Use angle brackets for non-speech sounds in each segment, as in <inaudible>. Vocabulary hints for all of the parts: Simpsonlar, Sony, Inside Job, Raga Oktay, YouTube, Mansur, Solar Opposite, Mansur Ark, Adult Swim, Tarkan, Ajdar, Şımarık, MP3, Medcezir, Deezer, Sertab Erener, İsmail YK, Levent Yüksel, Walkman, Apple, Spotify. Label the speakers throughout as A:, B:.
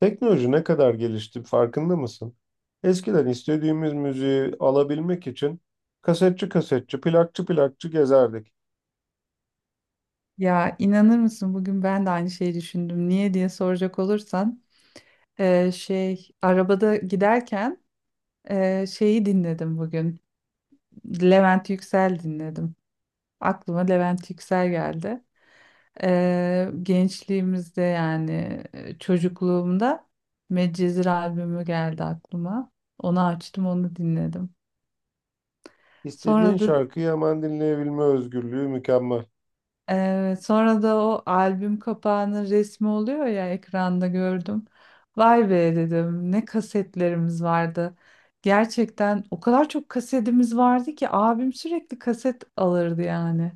A: Teknoloji ne kadar gelişti farkında mısın? Eskiden istediğimiz müziği alabilmek için kasetçi kasetçi, plakçı plakçı gezerdik.
B: Ya inanır mısın, bugün ben de aynı şeyi düşündüm. Niye diye soracak olursan, şey arabada giderken şeyi dinledim bugün. Levent Yüksel dinledim. Aklıma Levent Yüksel geldi. Gençliğimizde yani çocukluğumda Medcezir albümü geldi aklıma. Onu açtım, onu dinledim.
A: İstediğin
B: Sonra da
A: şarkıyı hemen dinleyebilme özgürlüğü mükemmel.
B: Evet, sonra da o albüm kapağının resmi oluyor ya, ekranda gördüm. Vay be dedim, ne kasetlerimiz vardı. Gerçekten o kadar çok kasetimiz vardı ki abim sürekli kaset alırdı yani.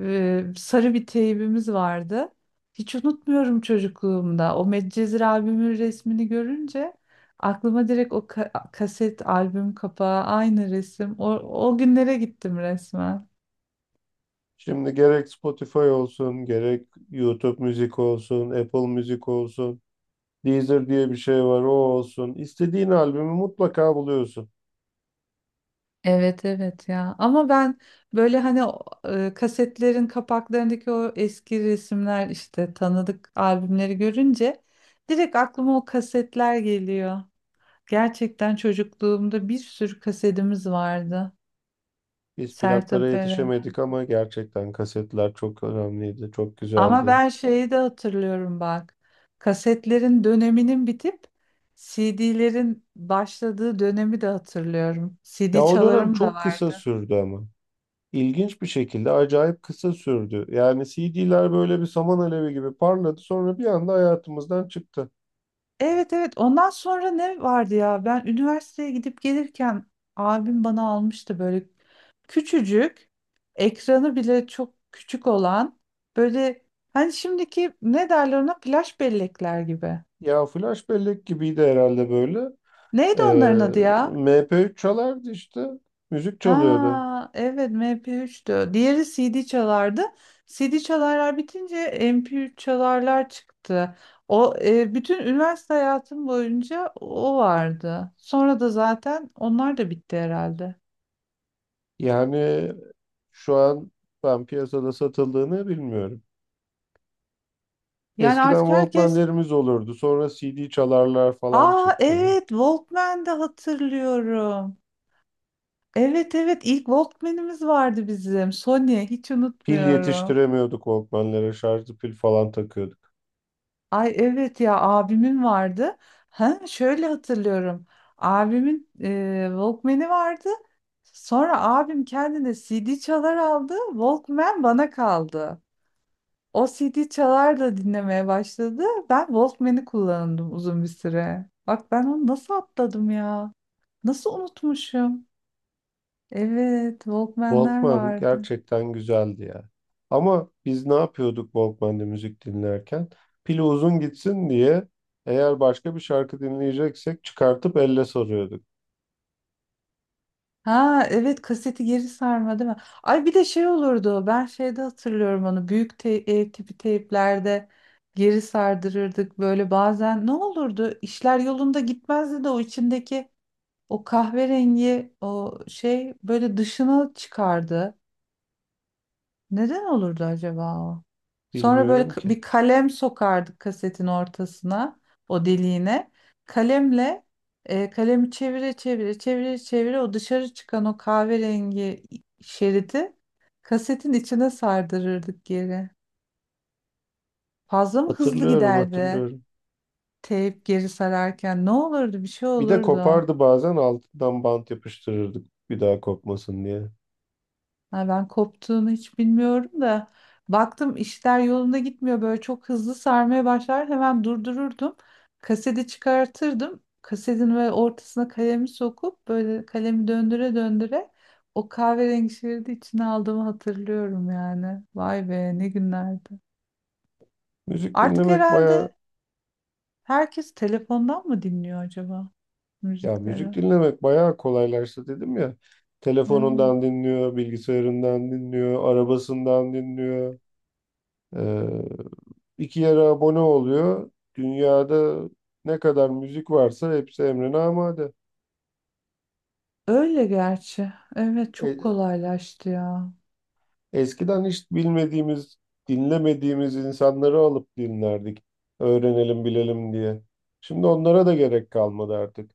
B: Sarı bir teybimiz vardı. Hiç unutmuyorum çocukluğumda. O Medcezir albümün resmini görünce aklıma direkt o kaset albüm kapağı, aynı resim. O günlere gittim resmen.
A: Şimdi gerek Spotify olsun, gerek YouTube müzik olsun, Apple müzik olsun, Deezer diye bir şey var o olsun. İstediğin albümü mutlaka buluyorsun.
B: Evet evet ya, ama ben böyle hani o, kasetlerin kapaklarındaki o eski resimler işte tanıdık albümleri görünce direkt aklıma o kasetler geliyor. Gerçekten çocukluğumda bir sürü kasetimiz vardı.
A: Biz plaklara
B: Sertab Erener.
A: yetişemedik ama gerçekten kasetler çok önemliydi, çok
B: Ama
A: güzeldi.
B: ben şeyi de hatırlıyorum bak. Kasetlerin döneminin bitip CD'lerin başladığı dönemi de hatırlıyorum.
A: Ya
B: CD
A: o dönem
B: çalarım da
A: çok kısa
B: vardı.
A: sürdü ama. İlginç bir şekilde acayip kısa sürdü. Yani CD'ler böyle bir saman alevi gibi parladı, sonra bir anda hayatımızdan çıktı.
B: Evet evet, ondan sonra ne vardı ya, ben üniversiteye gidip gelirken abim bana almıştı böyle küçücük, ekranı bile çok küçük olan böyle, hani şimdiki ne derler ona, flash bellekler gibi.
A: Ya flash bellek gibiydi herhalde böyle.
B: Neydi
A: Ee,
B: onların adı ya?
A: MP3 çalardı işte. Müzik çalıyordu.
B: Ha evet, MP3'tü. Diğeri CD çalardı. CD çalarlar bitince MP3 çalarlar çıktı. O, bütün üniversite hayatım boyunca o vardı. Sonra da zaten onlar da bitti herhalde.
A: Yani şu an ben piyasada satıldığını bilmiyorum.
B: Yani
A: Eskiden
B: artık herkes...
A: Walkman'lerimiz olurdu. Sonra CD çalarlar falan
B: Aa
A: çıktı.
B: evet, Walkman'de hatırlıyorum. Evet evet, ilk Walkman'imiz vardı bizim. Sony, hiç
A: Pil
B: unutmuyorum.
A: yetiştiremiyorduk Walkman'lere. Şarjlı pil falan takıyorduk.
B: Ay evet ya, abimin vardı. Ha, şöyle hatırlıyorum. Abimin Walkman'i vardı. Sonra abim kendine CD çalar aldı, Walkman bana kaldı. O CD çalar da dinlemeye başladı. Ben Walkman'i kullandım uzun bir süre. Bak, ben onu nasıl atladım ya? Nasıl unutmuşum? Evet, Walkman'ler
A: Walkman
B: vardı.
A: gerçekten güzeldi ya. Ama biz ne yapıyorduk Walkman'de müzik dinlerken? Pili uzun gitsin diye eğer başka bir şarkı dinleyeceksek çıkartıp elle sarıyorduk.
B: Ha evet, kaseti geri sarma değil mi? Ay bir de şey olurdu, ben şeyde hatırlıyorum onu, büyük ev tipi teyplerde geri sardırırdık böyle. Bazen ne olurdu, işler yolunda gitmezdi de o içindeki o kahverengi o şey böyle dışına çıkardı. Neden olurdu acaba o? Sonra böyle
A: Bilmiyorum ki.
B: bir kalem sokardık kasetin ortasına, o deliğine. Kalemle kalemi çevire çevire çevire çevire o dışarı çıkan o kahverengi şeridi kasetin içine sardırırdık geri. Fazla mı hızlı
A: Hatırlıyorum,
B: giderdi?
A: hatırlıyorum.
B: Teyp geri sararken ne olurdu? Bir şey
A: Bir de
B: olurdu.
A: kopardı bazen, altından bant yapıştırırdık bir daha kopmasın diye.
B: Ha, ben koptuğunu hiç bilmiyorum da baktım işler yolunda gitmiyor, böyle çok hızlı sarmaya başlar, hemen durdururdum, kaseti çıkartırdım, kasetin ve ortasına kalemi sokup böyle, kalemi döndüre döndüre o kahverengi şeridi içine aldığımı hatırlıyorum. Yani vay be, ne günlerdi.
A: Müzik
B: Artık
A: dinlemek baya,
B: herhalde herkes telefondan mı dinliyor acaba
A: ya müzik
B: müzikleri?
A: dinlemek bayağı kolaylaştı dedim ya.
B: Evet.
A: Telefonundan dinliyor, bilgisayarından dinliyor, arabasından dinliyor. Ee, iki yere abone oluyor. Dünyada ne kadar müzik varsa hepsi emrine amade.
B: Öyle, gerçi evet, çok
A: E,
B: kolaylaştı ya.
A: eskiden hiç bilmediğimiz, dinlemediğimiz insanları alıp dinlerdik. Öğrenelim, bilelim diye. Şimdi onlara da gerek kalmadı artık.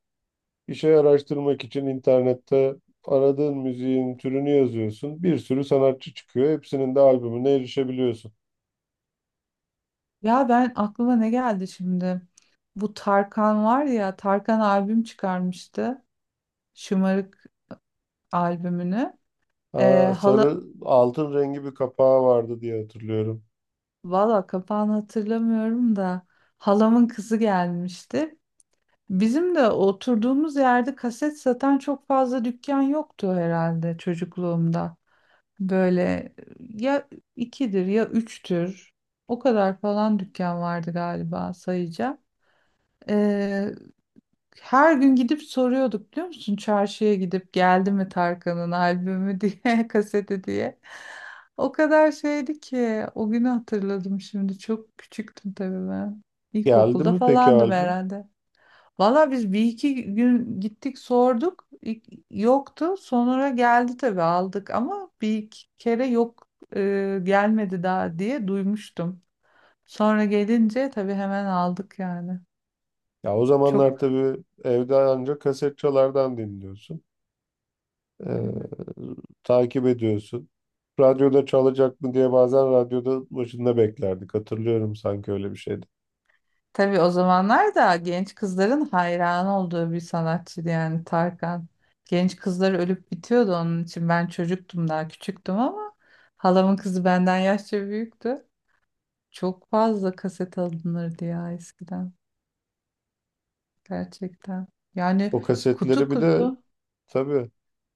A: Bir şey araştırmak için internette aradığın müziğin türünü yazıyorsun. Bir sürü sanatçı çıkıyor. Hepsinin de albümüne erişebiliyorsun.
B: Ya ben, aklıma ne geldi şimdi? Bu Tarkan var ya, Tarkan albüm çıkarmıştı. Şımarık albümünü.
A: Aa,
B: Hala,
A: sarı altın rengi bir kapağı vardı diye hatırlıyorum.
B: valla kapağını hatırlamıyorum da, halamın kızı gelmişti. Bizim de oturduğumuz yerde kaset satan çok fazla dükkan yoktu herhalde çocukluğumda. Böyle ya ikidir ya üçtür, o kadar falan dükkan vardı galiba, sayacağım. Her gün gidip soruyorduk, biliyor musun? Çarşıya gidip geldi mi Tarkan'ın albümü diye, <laughs> kaseti diye. O kadar şeydi ki, o günü hatırladım şimdi. Çok küçüktüm tabii ben.
A: Geldi
B: İlkokulda
A: mi peki
B: falandım
A: albüm?
B: herhalde. Valla biz bir iki gün gittik sorduk. Yoktu. Sonra geldi tabii, aldık. Ama bir iki kere yok, gelmedi daha diye duymuştum. Sonra gelince tabii hemen aldık yani.
A: Ya o
B: Çok,
A: zamanlar tabii evde ancak kaset çalardan dinliyorsun. Ee,
B: e,
A: takip ediyorsun. Radyoda çalacak mı diye bazen radyoda başında beklerdik. Hatırlıyorum, sanki öyle bir şeydi.
B: tabii o zamanlar da genç kızların hayran olduğu bir sanatçıydı yani, Tarkan. Genç kızlar ölüp bitiyordu onun için. Ben çocuktum, daha küçüktüm, ama halamın kızı benden yaşça büyüktü. Çok fazla kaset alınırdı ya eskiden, gerçekten. Yani
A: O
B: kutu
A: kasetleri bir de
B: kutu.
A: tabii,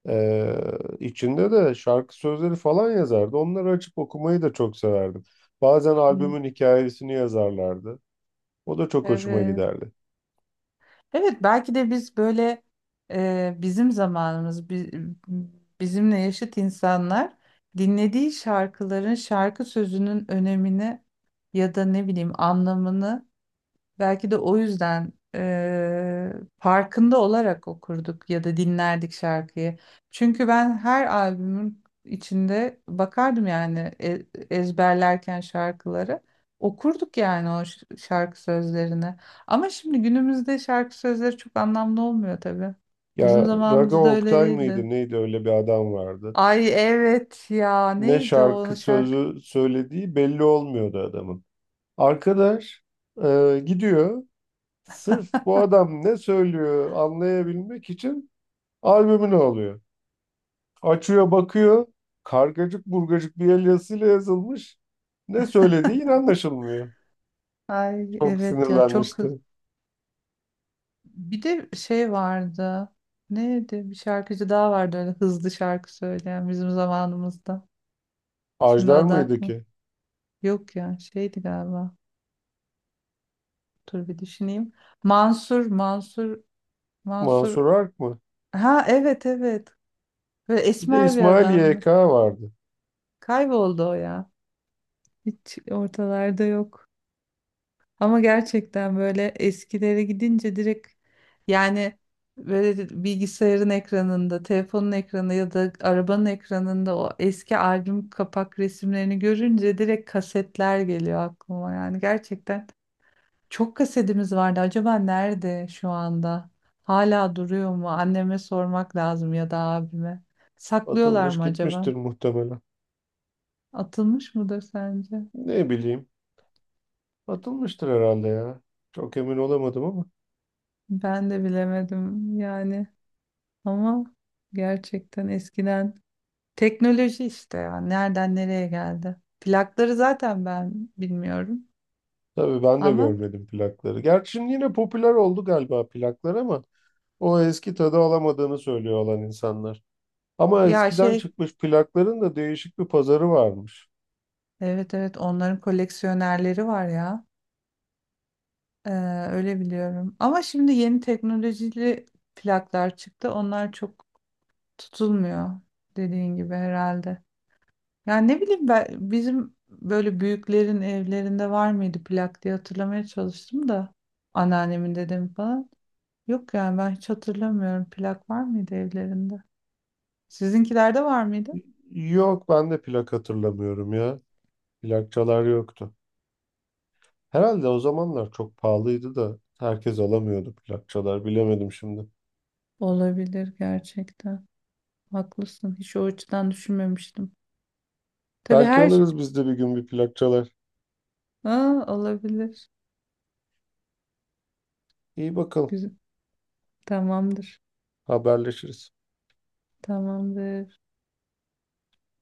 A: ee, içinde de şarkı sözleri falan yazardı. Onları açıp okumayı da çok severdim. Bazen
B: Hı.
A: albümün hikayesini yazarlardı. O da çok hoşuma
B: Evet.
A: giderdi.
B: Evet, belki de biz böyle bizim zamanımız bizimle yaşıt insanlar dinlediği şarkıların şarkı sözünün önemini, ya da ne bileyim anlamını... Belki de o yüzden farkında olarak okurduk ya da dinlerdik şarkıyı. Çünkü ben her albümün içinde bakardım yani, ezberlerken şarkıları. Okurduk yani o şarkı sözlerini. Ama şimdi günümüzde şarkı sözleri çok anlamlı olmuyor tabii. Bizim
A: Ya Raga
B: zamanımızda öyle
A: Oktay
B: değildi.
A: mıydı neydi, öyle bir adam vardı.
B: Ay evet ya,
A: Ne
B: neydi
A: şarkı
B: o şarkı?
A: sözü söylediği belli olmuyordu adamın. Arkadaş gidiyor, sırf bu adam ne söylüyor anlayabilmek için albümünü alıyor. Açıyor, bakıyor, kargacık burgacık bir el yazısıyla yazılmış. Ne söylediği yine anlaşılmıyor.
B: Ay
A: Çok
B: evet ya, çok...
A: sinirlenmişti.
B: Bir de şey vardı. Neydi? Bir şarkıcı daha vardı öyle hızlı şarkı söyleyen bizim zamanımızda. Şimdi
A: Ajdar
B: adı
A: mıydı ki?
B: yok ya, şeydi galiba. Dur bir düşüneyim. Mansur, Mansur, Mansur.
A: Mansur Ark mı?
B: Ha evet evet. Böyle
A: Bir de
B: esmer bir
A: İsmail
B: adamdı.
A: YK vardı.
B: Kayboldu o ya. Hiç ortalarda yok. Ama gerçekten böyle eskilere gidince direkt, yani, böyle bilgisayarın ekranında, telefonun ekranında ya da arabanın ekranında o eski albüm kapak resimlerini görünce direkt kasetler geliyor aklıma. Yani gerçekten çok kasetimiz vardı. Acaba nerede şu anda? Hala duruyor mu? Anneme sormak lazım ya da abime. Saklıyorlar
A: Atılmış
B: mı acaba?
A: gitmiştir muhtemelen.
B: Atılmış mıdır sence?
A: Ne bileyim. Atılmıştır herhalde ya. Çok emin olamadım ama.
B: Ben de bilemedim yani. Ama gerçekten eskiden teknoloji işte ya, nereden nereye geldi. Plakları zaten ben bilmiyorum.
A: Tabii ben de
B: Ama
A: görmedim plakları. Gerçi şimdi yine popüler oldu galiba plaklar ama o eski tadı alamadığını söylüyor olan insanlar. Ama
B: ya
A: eskiden
B: şey,
A: çıkmış plakların da değişik bir pazarı varmış.
B: evet evet, onların koleksiyonerleri var ya. Ee, Öyle biliyorum. Ama şimdi yeni teknolojili plaklar çıktı. Onlar çok tutulmuyor dediğin gibi herhalde. Yani ne bileyim ben, bizim böyle büyüklerin evlerinde var mıydı plak diye hatırlamaya çalıştım da, anneannemin, dedemin falan. Yok yani, ben hiç hatırlamıyorum. Plak var mıydı evlerinde? Sizinkilerde var mıydı?
A: Yok, ben de plak hatırlamıyorum ya. Plakçalar yoktu. Herhalde o zamanlar çok pahalıydı da herkes alamıyordu plakçalar. Bilemedim şimdi.
B: Olabilir gerçekten. Haklısın. Hiç o açıdan düşünmemiştim. Tabii
A: Belki
B: her...
A: alırız biz de bir gün bir plakçalar.
B: Aa, olabilir.
A: İyi bakalım,
B: Güzel. Tamamdır.
A: haberleşiriz.
B: Tamamdır.